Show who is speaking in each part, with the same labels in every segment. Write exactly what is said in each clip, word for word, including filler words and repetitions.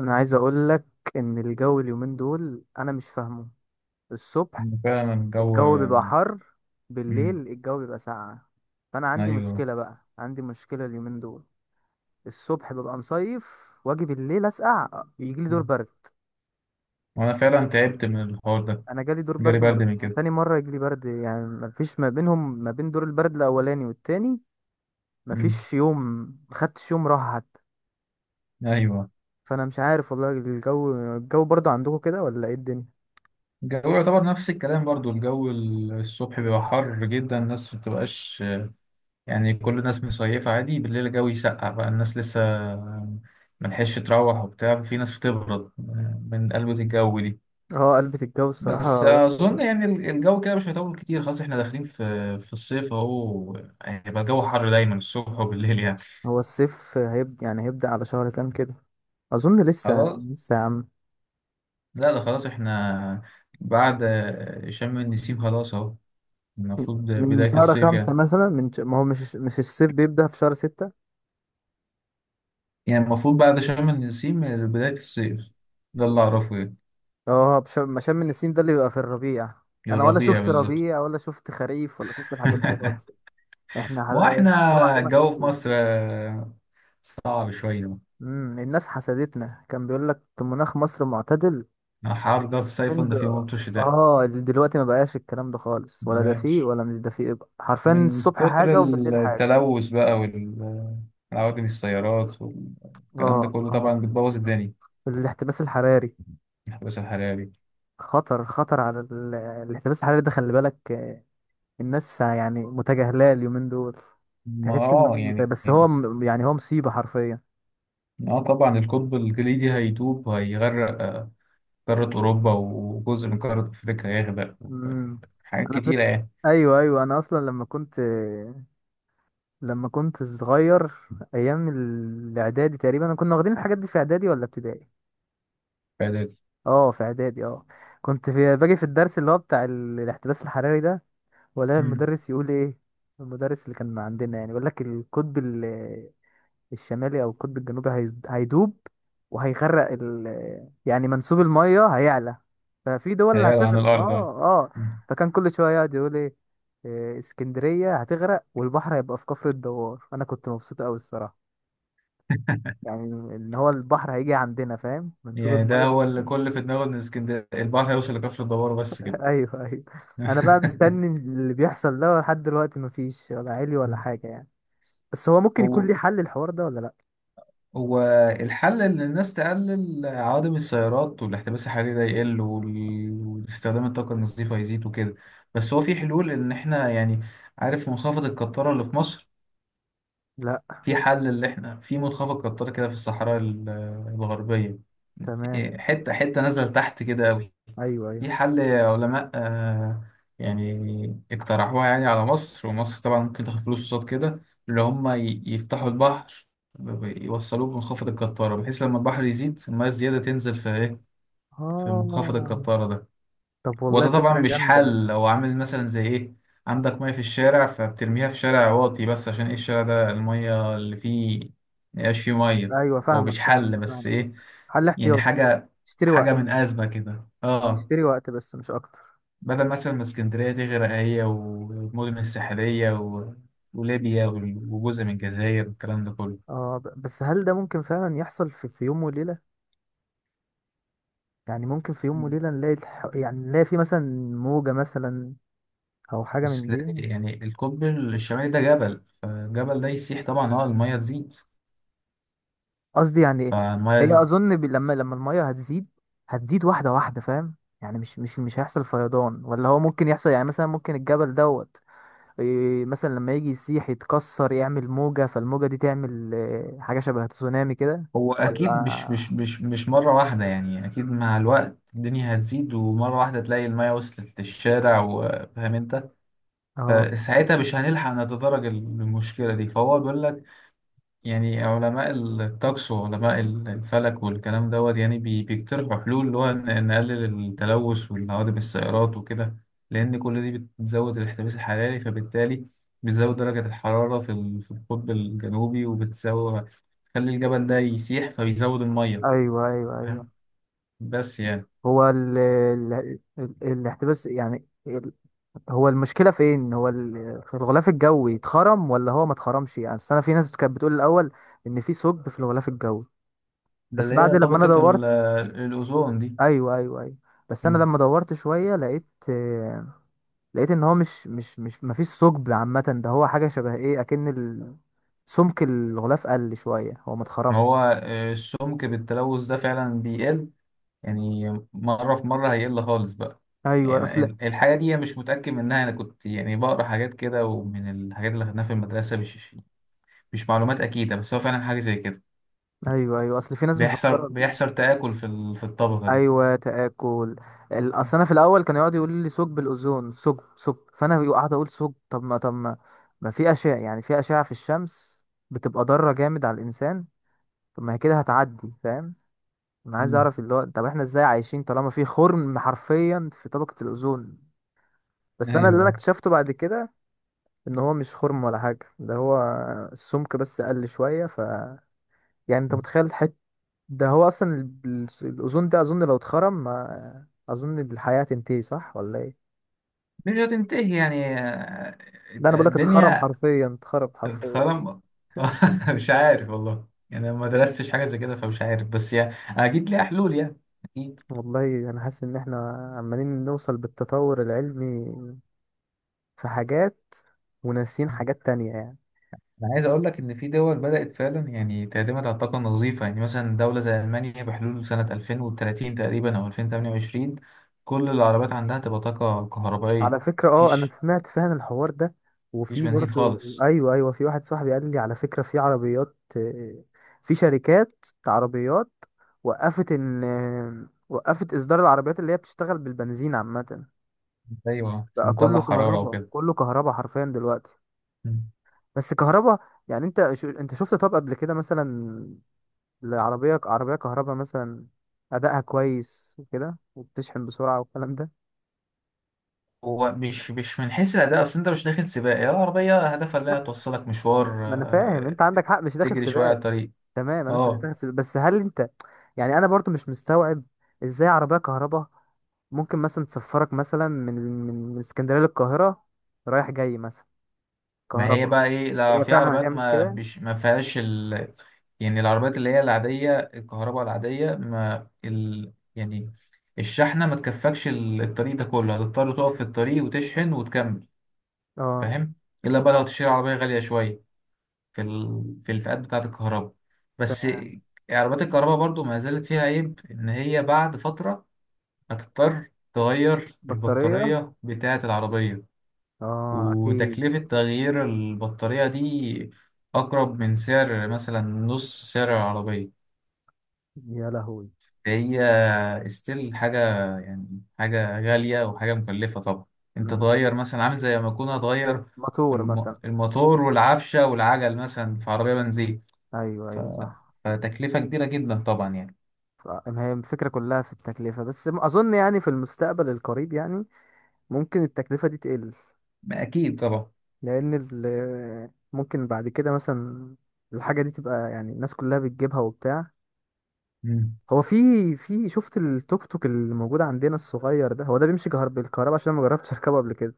Speaker 1: انا عايز اقول لك ان الجو اليومين دول انا مش فاهمه. الصبح
Speaker 2: فعلا الجو.
Speaker 1: الجو بيبقى حر، بالليل
Speaker 2: مم.
Speaker 1: الجو بيبقى ساقع. فانا عندي
Speaker 2: ايوه.
Speaker 1: مشكله بقى، عندي مشكله اليومين دول. الصبح ببقى مصيف، واجي بالليل اسقع، يجي لي دور
Speaker 2: مم.
Speaker 1: برد.
Speaker 2: وانا فعلا تعبت من الحوار ده.
Speaker 1: انا جالي دور
Speaker 2: جالي
Speaker 1: برد
Speaker 2: برد من
Speaker 1: مرتين. أنا
Speaker 2: كده.
Speaker 1: تاني مره يجي لي برد، يعني مفيش ما بينهم ما بين دور البرد الاولاني والتاني،
Speaker 2: مم.
Speaker 1: مفيش يوم. مخدتش يوم راحه حتى.
Speaker 2: ايوه.
Speaker 1: فانا مش عارف والله، الجو الجو برضو عندكم كده ولا ايه الدنيا؟
Speaker 2: الجو يعتبر نفس الكلام برضو. الجو ال- الصبح بيبقى حر جدا، الناس ما بتبقاش، يعني كل الناس مصيفة عادي. بالليل الجو يسقع بقى، الناس لسه ملحقش تروح وبتاع. في ناس بتبرد من قلبة الجو دي.
Speaker 1: اه، قلبة الجو
Speaker 2: بس
Speaker 1: الصراحة وحش.
Speaker 2: اظن يعني ال- الجو كده مش هيطول كتير، خلاص احنا داخلين في في الصيف اهو. هيبقى الجو حر دايما الصبح وبالليل يعني.
Speaker 1: هو الصيف هيبدأ يعني هيبدأ على شهر كام كده؟ أظن لسه
Speaker 2: خلاص.
Speaker 1: لسه يا عم.
Speaker 2: لا، ده خلاص احنا بعد شم النسيم خلاص اهو، المفروض
Speaker 1: من
Speaker 2: بداية
Speaker 1: شهر
Speaker 2: الصيف
Speaker 1: خمسة
Speaker 2: يعني.
Speaker 1: مثلا، من ش... ما هو مش مش الصيف بيبدأ في شهر ستة.
Speaker 2: يعني المفروض بعد شم النسيم بداية الصيف، ده اللي اعرفه يعني.
Speaker 1: اه، بش- ما شم النسيم ده اللي بيبقى في الربيع. أنا ولا
Speaker 2: الربيع
Speaker 1: شفت
Speaker 2: بالظبط.
Speaker 1: ربيع ولا شفت خريف ولا شفت الحاجات دي خالص. احنا
Speaker 2: ما هو
Speaker 1: ح-
Speaker 2: احنا
Speaker 1: هو عندنا
Speaker 2: الجو في
Speaker 1: جميل.
Speaker 2: مصر صعب شوية.
Speaker 1: امم الناس حسدتنا، كان بيقول لك مناخ مصر معتدل.
Speaker 2: حر ده في
Speaker 1: من
Speaker 2: صيف،
Speaker 1: د...
Speaker 2: ده في موت الشتاء.
Speaker 1: اه، دلوقتي ما بقاش الكلام ده خالص، ولا ده فيه
Speaker 2: ماشي.
Speaker 1: ولا مش ده فيه، حرفيا
Speaker 2: من
Speaker 1: الصبح
Speaker 2: كتر
Speaker 1: حاجة وبالليل حاجة.
Speaker 2: التلوث بقى والعوادم السيارات والكلام ده
Speaker 1: اه
Speaker 2: كله
Speaker 1: اه،
Speaker 2: طبعا بتبوظ الدنيا.
Speaker 1: الاحتباس الحراري.
Speaker 2: الاحتباس الحراري.
Speaker 1: خطر خطر على ال... الاحتباس الحراري ده، خلي بالك آه، الناس يعني متجاهلاه اليومين دول.
Speaker 2: ما
Speaker 1: تحس ان
Speaker 2: اه
Speaker 1: مت-
Speaker 2: يعني.
Speaker 1: بس هو م- يعني هو مصيبة حرفيا.
Speaker 2: اه طبعا القطب الجليدي هيدوب وهيغرق، آه، قارة أوروبا وجزء من قارة أفريقيا هيغرق.
Speaker 1: امم
Speaker 2: حاجات
Speaker 1: انا
Speaker 2: كتيرة
Speaker 1: فك
Speaker 2: يعني.
Speaker 1: ايوه ايوه، انا اصلا لما كنت لما كنت صغير، ايام الاعدادي تقريبا، انا كنا واخدين الحاجات دي في اعدادي ولا ابتدائي؟
Speaker 2: الفايدة دي.
Speaker 1: اه، في اعدادي، اه. كنت في باجي في الدرس اللي هو بتاع ال- الاحتباس الحراري ده، ولا
Speaker 2: مم.
Speaker 1: المدرس يقول ايه؟ المدرس اللي كان عندنا يعني يقول لك القطب الشمالي او القطب الجنوبي هيز- هيدوب وهيغرق، ال... يعني منسوب الميه هيعلى، ففي دول
Speaker 2: هيقلع عن
Speaker 1: هتغرق،
Speaker 2: الأرض اه.
Speaker 1: اه اه.
Speaker 2: مم.
Speaker 1: فكان كل شويه يقعد يقول ايه، إيه، اسكندريه هتغرق، والبحر هيبقى في كفر الدوار. انا كنت مبسوط قوي الصراحه، يعني ان هو البحر هيجي عندنا، فاهم، منسوب
Speaker 2: يعني ده
Speaker 1: الميه.
Speaker 2: هو اللي كل في دماغه إن اسكندرية البحر هيوصل لكفر الدوار بس كده.
Speaker 1: ايوه ايوه. انا بقى مستني اللي بيحصل ده لحد دلوقتي، مفيش ولا علي ولا حاجه يعني. بس هو ممكن يكون
Speaker 2: هو.
Speaker 1: ليه حل الحوار ده ولا لا؟
Speaker 2: هو الحل إن الناس تقلل عوادم السيارات والاحتباس الحراري ده يقل، وال- واستخدام الطاقة النظيفة يزيد وكده. بس هو في حلول إن إحنا يعني. عارف منخفض القطارة اللي في مصر؟
Speaker 1: لا،
Speaker 2: في حل، اللي احنا في منخفض قطري كده في الصحراء ال- الغربية.
Speaker 1: تمام،
Speaker 2: إيه، حتة حتة نزل تحت كده أوي.
Speaker 1: ايوه ايوه،
Speaker 2: في حل علماء آه، يعني اقترحوها يعني على مصر، ومصر طبعا ممكن تاخد فلوس قصاد كده. اللي هم ي- يفتحوا البحر، ب- ب- يوصلوه بمنخفض القطارة، بحيث لما البحر يزيد المياه الزيادة تنزل في ايه؟ في منخفض
Speaker 1: اه،
Speaker 2: القطارة ده.
Speaker 1: طب والله
Speaker 2: وده طبعا
Speaker 1: فكرة
Speaker 2: مش
Speaker 1: جامدة.
Speaker 2: حل، لو عامل مثلا زي ايه، عندك مية في الشارع فبترميها في شارع واطي بس، عشان ايه؟ الشارع ده المية اللي فيه ميبقاش فيه مية.
Speaker 1: أيوة،
Speaker 2: هو
Speaker 1: فاهمك
Speaker 2: مش
Speaker 1: فاهمك
Speaker 2: حل بس
Speaker 1: فاهمك.
Speaker 2: ايه،
Speaker 1: حل
Speaker 2: يعني
Speaker 1: احتياطي،
Speaker 2: حاجة،
Speaker 1: تشتري
Speaker 2: حاجة
Speaker 1: وقت،
Speaker 2: من أزمة كده اه.
Speaker 1: تشتري وقت بس مش أكتر.
Speaker 2: بدل مثلا ما اسكندرية تغرق هي والمدن الساحلية و... وليبيا وال- وجزء من الجزائر والكلام ده كله.
Speaker 1: اه، ب- بس هل ده ممكن فعلا يحصل في, في يوم وليلة؟ يعني ممكن في يوم وليلة نلاقي الح... يعني نلاقي في مثلا موجة مثلا، أو حاجة من
Speaker 2: بس لا-
Speaker 1: دي؟
Speaker 2: يعني القطب الشمالي ده جبل، فالجبل ده يسيح طبعا اه، المية تزيد.
Speaker 1: قصدي يعني إيه؟
Speaker 2: فالمية.
Speaker 1: هي أظن ب... لما لما المية هتزيد، هتزيد واحدة واحدة، فاهم؟ يعني مش مش مش هيحصل فيضان؟ ولا هو ممكن يحصل يعني، مثلا ممكن الجبل دوت، إيه، مثلا لما يجي يسيح يتكسر يعمل موجة، فالموجة دي تعمل إيه، حاجة شبه تسونامي كده.
Speaker 2: هو اكيد مش
Speaker 1: ولا
Speaker 2: مش مش مش مره واحده، يعني اكيد مع الوقت الدنيا هتزيد، ومره واحده تلاقي الميه وصلت للشارع، وفاهم انت.
Speaker 1: اه،
Speaker 2: فساعتها مش هنلحق نتدرج المشكله دي، فهو بيقول لك يعني علماء الطقس وعلماء الفلك والكلام دوت، يعني بي- بيقترحوا حلول اللي هو ن- نقلل التلوث والهوادم السيارات وكده. لان كل دي بتزود الاحتباس الحراري، فبالتالي بتزود درجة الحرارة في ال- في القطب الجنوبي، وبتزود تخلي الجبل ده يسيح فبيزود المية.
Speaker 1: ايوه ايوه ايوه.
Speaker 2: فاهم؟ بس يعني
Speaker 1: هو ال... ال... ال... الاحتباس يعني ال... هو المشكلة فين؟ هو ال... في الغلاف الجوي اتخرم ولا هو ما اتخرمش؟ يعني أصل انا في ناس كانت بتقول الاول ان في ثقب في الغلاف الجوي.
Speaker 2: ده
Speaker 1: بس
Speaker 2: اللي
Speaker 1: بعد
Speaker 2: هي
Speaker 1: لما انا
Speaker 2: طبقة
Speaker 1: دورت،
Speaker 2: ال- الأوزون دي.
Speaker 1: ايوه ايوه ايوه، بس انا
Speaker 2: مم.
Speaker 1: لما دورت شوية لقيت آه، لقيت ان هو مش مش مش مفيش ثقب عامه، ده هو حاجه شبه ايه، اكن ال- سمك الغلاف قل شويه، هو ما
Speaker 2: هو
Speaker 1: اتخرمش.
Speaker 2: آه، السمك بالتلوث ده فعلا بيقل، يعني مرة في مرة هيقل خالص بقى.
Speaker 1: ايوه
Speaker 2: يعني
Speaker 1: اصل،
Speaker 2: ال- الحاجة دي أنا مش متأكد منها، أنا كنت يعني بقرأ حاجات كده ومن الحاجات اللي خدناها في المدرسة، مش مش معلومات أكيدة بس هو فعلا حاجة زي كده.
Speaker 1: ايوه ايوه، اصل في ناس
Speaker 2: بيحصل
Speaker 1: مفكره،
Speaker 2: بيحصل تآكل في ال- في الطبقة دي.
Speaker 1: ايوه، تاكل. ال- اصل انا في الاول كان يقعد يقول لي ثقب الاوزون، ثقب ثقب، فانا قاعد اقول ثقب، طب ما طب ما ما في اشعه، يعني في اشعه في الشمس بتبقى ضاره جامد على الانسان، طب ما هي كده هتعدي، فاهم؟ انا عايز
Speaker 2: مم.
Speaker 1: اعرف اللي هو، طب احنا ازاي عايشين طالما في خرم حرفيا في طبقه الاوزون؟ بس انا اللي انا
Speaker 2: ايوه.
Speaker 1: اكتشفته بعد كده ان هو مش خرم ولا حاجه، ده هو السمك بس قل شويه، ف يعني انت متخيل، حت ده هو اصلا ال- ال- الاوزون ده، اظن لو اتخرم ما اظن الحياه تنتهي، صح ولا ايه؟
Speaker 2: مش هتنتهي يعني، آه،
Speaker 1: ده انا بقول لك اتخرم
Speaker 2: الدنيا
Speaker 1: حرفيا، اتخرم حرفيا.
Speaker 2: اتخرم. مش
Speaker 1: أيوة.
Speaker 2: عارف والله، يعني أنا ما درستش حاجة زي كده فمش عارف، بس يعني أكيد ليها حلول يعني. أكيد.
Speaker 1: والله انا حاسس ان احنا عمالين نوصل بالتطور العلمي في حاجات وناسين حاجات تانية يعني.
Speaker 2: أنا عايز أقول لك إن في دول بدأت فعلا يعني تعتمد على الطاقة النظيفة. يعني مثلا دولة زي ألمانيا بحلول سنة الفين وتلاتين تقريبا أو ألفين وثمانية وعشرين كل العربيات عندها تبقى طاقة كهربائية.
Speaker 1: على فكرة اه، انا
Speaker 2: مفيش
Speaker 1: سمعت فعلا الحوار ده،
Speaker 2: مفيش
Speaker 1: وفي
Speaker 2: بنزين
Speaker 1: برضو،
Speaker 2: خالص.
Speaker 1: ايوه ايوه، في واحد صاحبي قال لي على فكرة في عربيات آه، في شركات عربيات وقفت ان آه، وقفت اصدار العربيات اللي هي بتشتغل بالبنزين عامة.
Speaker 2: أيوه مش
Speaker 1: بقى كله
Speaker 2: مطلع حرارة
Speaker 1: كهرباء،
Speaker 2: وكده.
Speaker 1: كله كهرباء حرفيا دلوقتي.
Speaker 2: مم.
Speaker 1: بس كهرباء، يعني انت شو انت شفت طب قبل كده مثلا العربية، عربية كهرباء مثلا، ادائها كويس وكده وبتشحن بسرعة والكلام ده؟
Speaker 2: هو مش مش من حيث الأداء، أصل أنت مش داخل سباق، هي العربية هدفها إنها
Speaker 1: لا،
Speaker 2: توصلك مشوار،
Speaker 1: ما انا فاهم
Speaker 2: آه،
Speaker 1: انت عندك حق، مش داخل
Speaker 2: تجري شوية على
Speaker 1: سباق.
Speaker 2: الطريق.
Speaker 1: تمام. انا انت
Speaker 2: اه،
Speaker 1: بتغسل، بس هل انت، يعني انا برضو مش مستوعب ازاي عربيه كهرباء ممكن مثلا تسفرك مثلا من من من اسكندريه للقاهره رايح جاي مثلا
Speaker 2: ما هي
Speaker 1: كهرباء؟
Speaker 2: بقى ايه، لا
Speaker 1: هي
Speaker 2: في
Speaker 1: فعلا
Speaker 2: عربيات
Speaker 1: هتعمل
Speaker 2: ما
Speaker 1: كده؟
Speaker 2: بيش ما فيهاش ال، يعني العربيات اللي هي العادية الكهرباء العادية ما ال يعني الشحنة ما تكفكش ال- الطريق ده كله، هتضطر تقف في الطريق وتشحن وتكمل.
Speaker 1: اه،
Speaker 2: فاهم؟ إلا بقى لو هتشتري عربية غالية شوية في ال في الفئات بتاعة الكهرباء
Speaker 1: ت-
Speaker 2: بس. عربيات الكهرباء برضو ما زالت فيها عيب إن هي بعد فترة هتضطر تغير
Speaker 1: بطاريه،
Speaker 2: البطارية بتاعة العربية.
Speaker 1: اه اكيد.
Speaker 2: وتكلفة تغيير البطارية دي أقرب من سعر مثلا نص سعر العربية.
Speaker 1: يا لهوي.
Speaker 2: هي استيل حاجة يعني، حاجة غالية وحاجة مكلفة طبعا. أنت
Speaker 1: مم.
Speaker 2: تغير مثلا عامل زي ما أكون هتغير
Speaker 1: موتور
Speaker 2: الم-
Speaker 1: مثلا.
Speaker 2: الموتور والعفشة والعجل مثلا في عربية بنزين.
Speaker 1: ايوه
Speaker 2: ف-
Speaker 1: ايوه صح.
Speaker 2: فتكلفة كبيرة جدا طبعا يعني.
Speaker 1: ف- ما هي الفكره كلها في التكلفه بس، م- اظن يعني في المستقبل القريب يعني ممكن التكلفه دي تقل،
Speaker 2: أكيد طبعا.
Speaker 1: لان ال- ممكن بعد كده مثلا الحاجه دي تبقى، يعني الناس كلها بتجيبها وبتاع.
Speaker 2: مم.
Speaker 1: هو في في شفت التوك توك اللي موجود عندنا الصغير ده، هو ده بيمشي كهرب بالكهرباء؟ عشان ما جربتش اركبه قبل كده.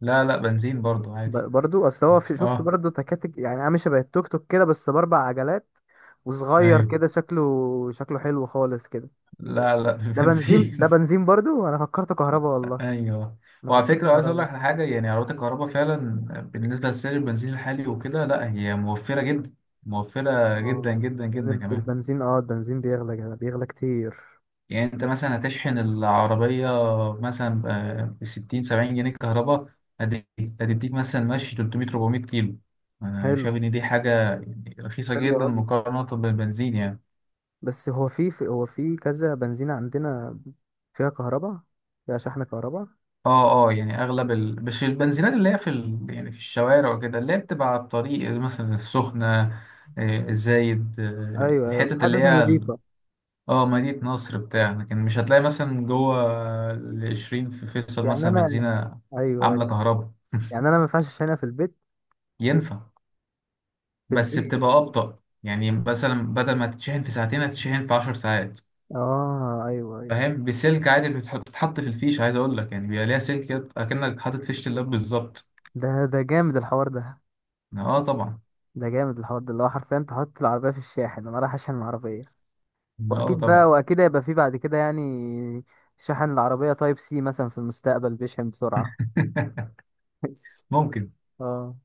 Speaker 2: لا لا بنزين برضو
Speaker 1: ب-
Speaker 2: عادي.
Speaker 1: برضو اصل هو في شفت
Speaker 2: أه
Speaker 1: برضو تكاتك، يعني عامل شبه التوك توك كده بس باربع عجلات، وصغير
Speaker 2: أيوه.
Speaker 1: كده، شكله شكله حلو خالص كده.
Speaker 2: لا لا
Speaker 1: ده بنزين، ده
Speaker 2: بالبنزين.
Speaker 1: بنزين برضو، انا فكرته كهرباء والله،
Speaker 2: ايوه.
Speaker 1: انا
Speaker 2: وعلى
Speaker 1: فكرته
Speaker 2: فكره عايز اقول
Speaker 1: كهرباء.
Speaker 2: لك على حاجه، يعني عربيات الكهرباء فعلا بالنسبه لسعر البنزين الحالي وكده لا، هي موفره جدا. موفره جدا
Speaker 1: اه،
Speaker 2: جدا
Speaker 1: يعني
Speaker 2: جدا
Speaker 1: الب-
Speaker 2: كمان.
Speaker 1: البنزين اه البنزين بيغلى جدا- بيغلى كتير.
Speaker 2: يعني انت مثلا هتشحن العربيه مثلا ب ستين سبعين جنيه كهرباء، هت- هتديك مثلا ماشي تلتميه اربعميه كيلو. انا
Speaker 1: حلو،
Speaker 2: شايف ان دي حاجه يعني رخيصه
Speaker 1: حلو
Speaker 2: جدا
Speaker 1: قوي.
Speaker 2: مقارنه بالبنزين يعني.
Speaker 1: بس هو في في- هو في كذا بنزينة عندنا فيها كهرباء، فيها شحن كهرباء.
Speaker 2: اه اه. يعني اغلب ال... مش البنزينات اللي هي في ال... يعني في الشوارع وكده اللي هي بتبقى على الطريق، مثلا السخنة، آه، الزايد، آه،
Speaker 1: ايوه ايوه،
Speaker 2: الحتت اللي
Speaker 1: حدث
Speaker 2: هي ال-
Speaker 1: نظيفة.
Speaker 2: اه مدينة نصر بتاع. لكن مش هتلاقي مثلا جوه العشرين في فيصل
Speaker 1: يعني
Speaker 2: مثلا
Speaker 1: انا،
Speaker 2: بنزينة
Speaker 1: ايوه
Speaker 2: عاملة
Speaker 1: ايوه،
Speaker 2: كهرباء.
Speaker 1: يعني انا ما ينفعش اشحنها في البيت؟
Speaker 2: ينفع
Speaker 1: في
Speaker 2: بس
Speaker 1: البيت،
Speaker 2: بتبقى أبطأ، يعني مثلا بدل ما تتشحن في ساعتين هتتشحن في عشر ساعات.
Speaker 1: اه، ايوه ايوه.
Speaker 2: فاهم؟ بسلك عادي، بتح- بتتحط في الفيش، عايز أقول لك يعني بيبقى ليها سلك كده أكنك حاطط فيشة اللاب بالظبط.
Speaker 1: ده ده جامد الحوار ده،
Speaker 2: اه طبعا.
Speaker 1: ده جامد الحوار ده اللي هو حرفيا انت حاطط العربية في الشاحن انا رايح اشحن العربية.
Speaker 2: اه
Speaker 1: واكيد بقى،
Speaker 2: طبعا.
Speaker 1: واكيد هيبقى في بعد كده يعني، شحن العربية تايب سي مثلا في المستقبل بيشحن بسرعة.
Speaker 2: ممكن.
Speaker 1: اه.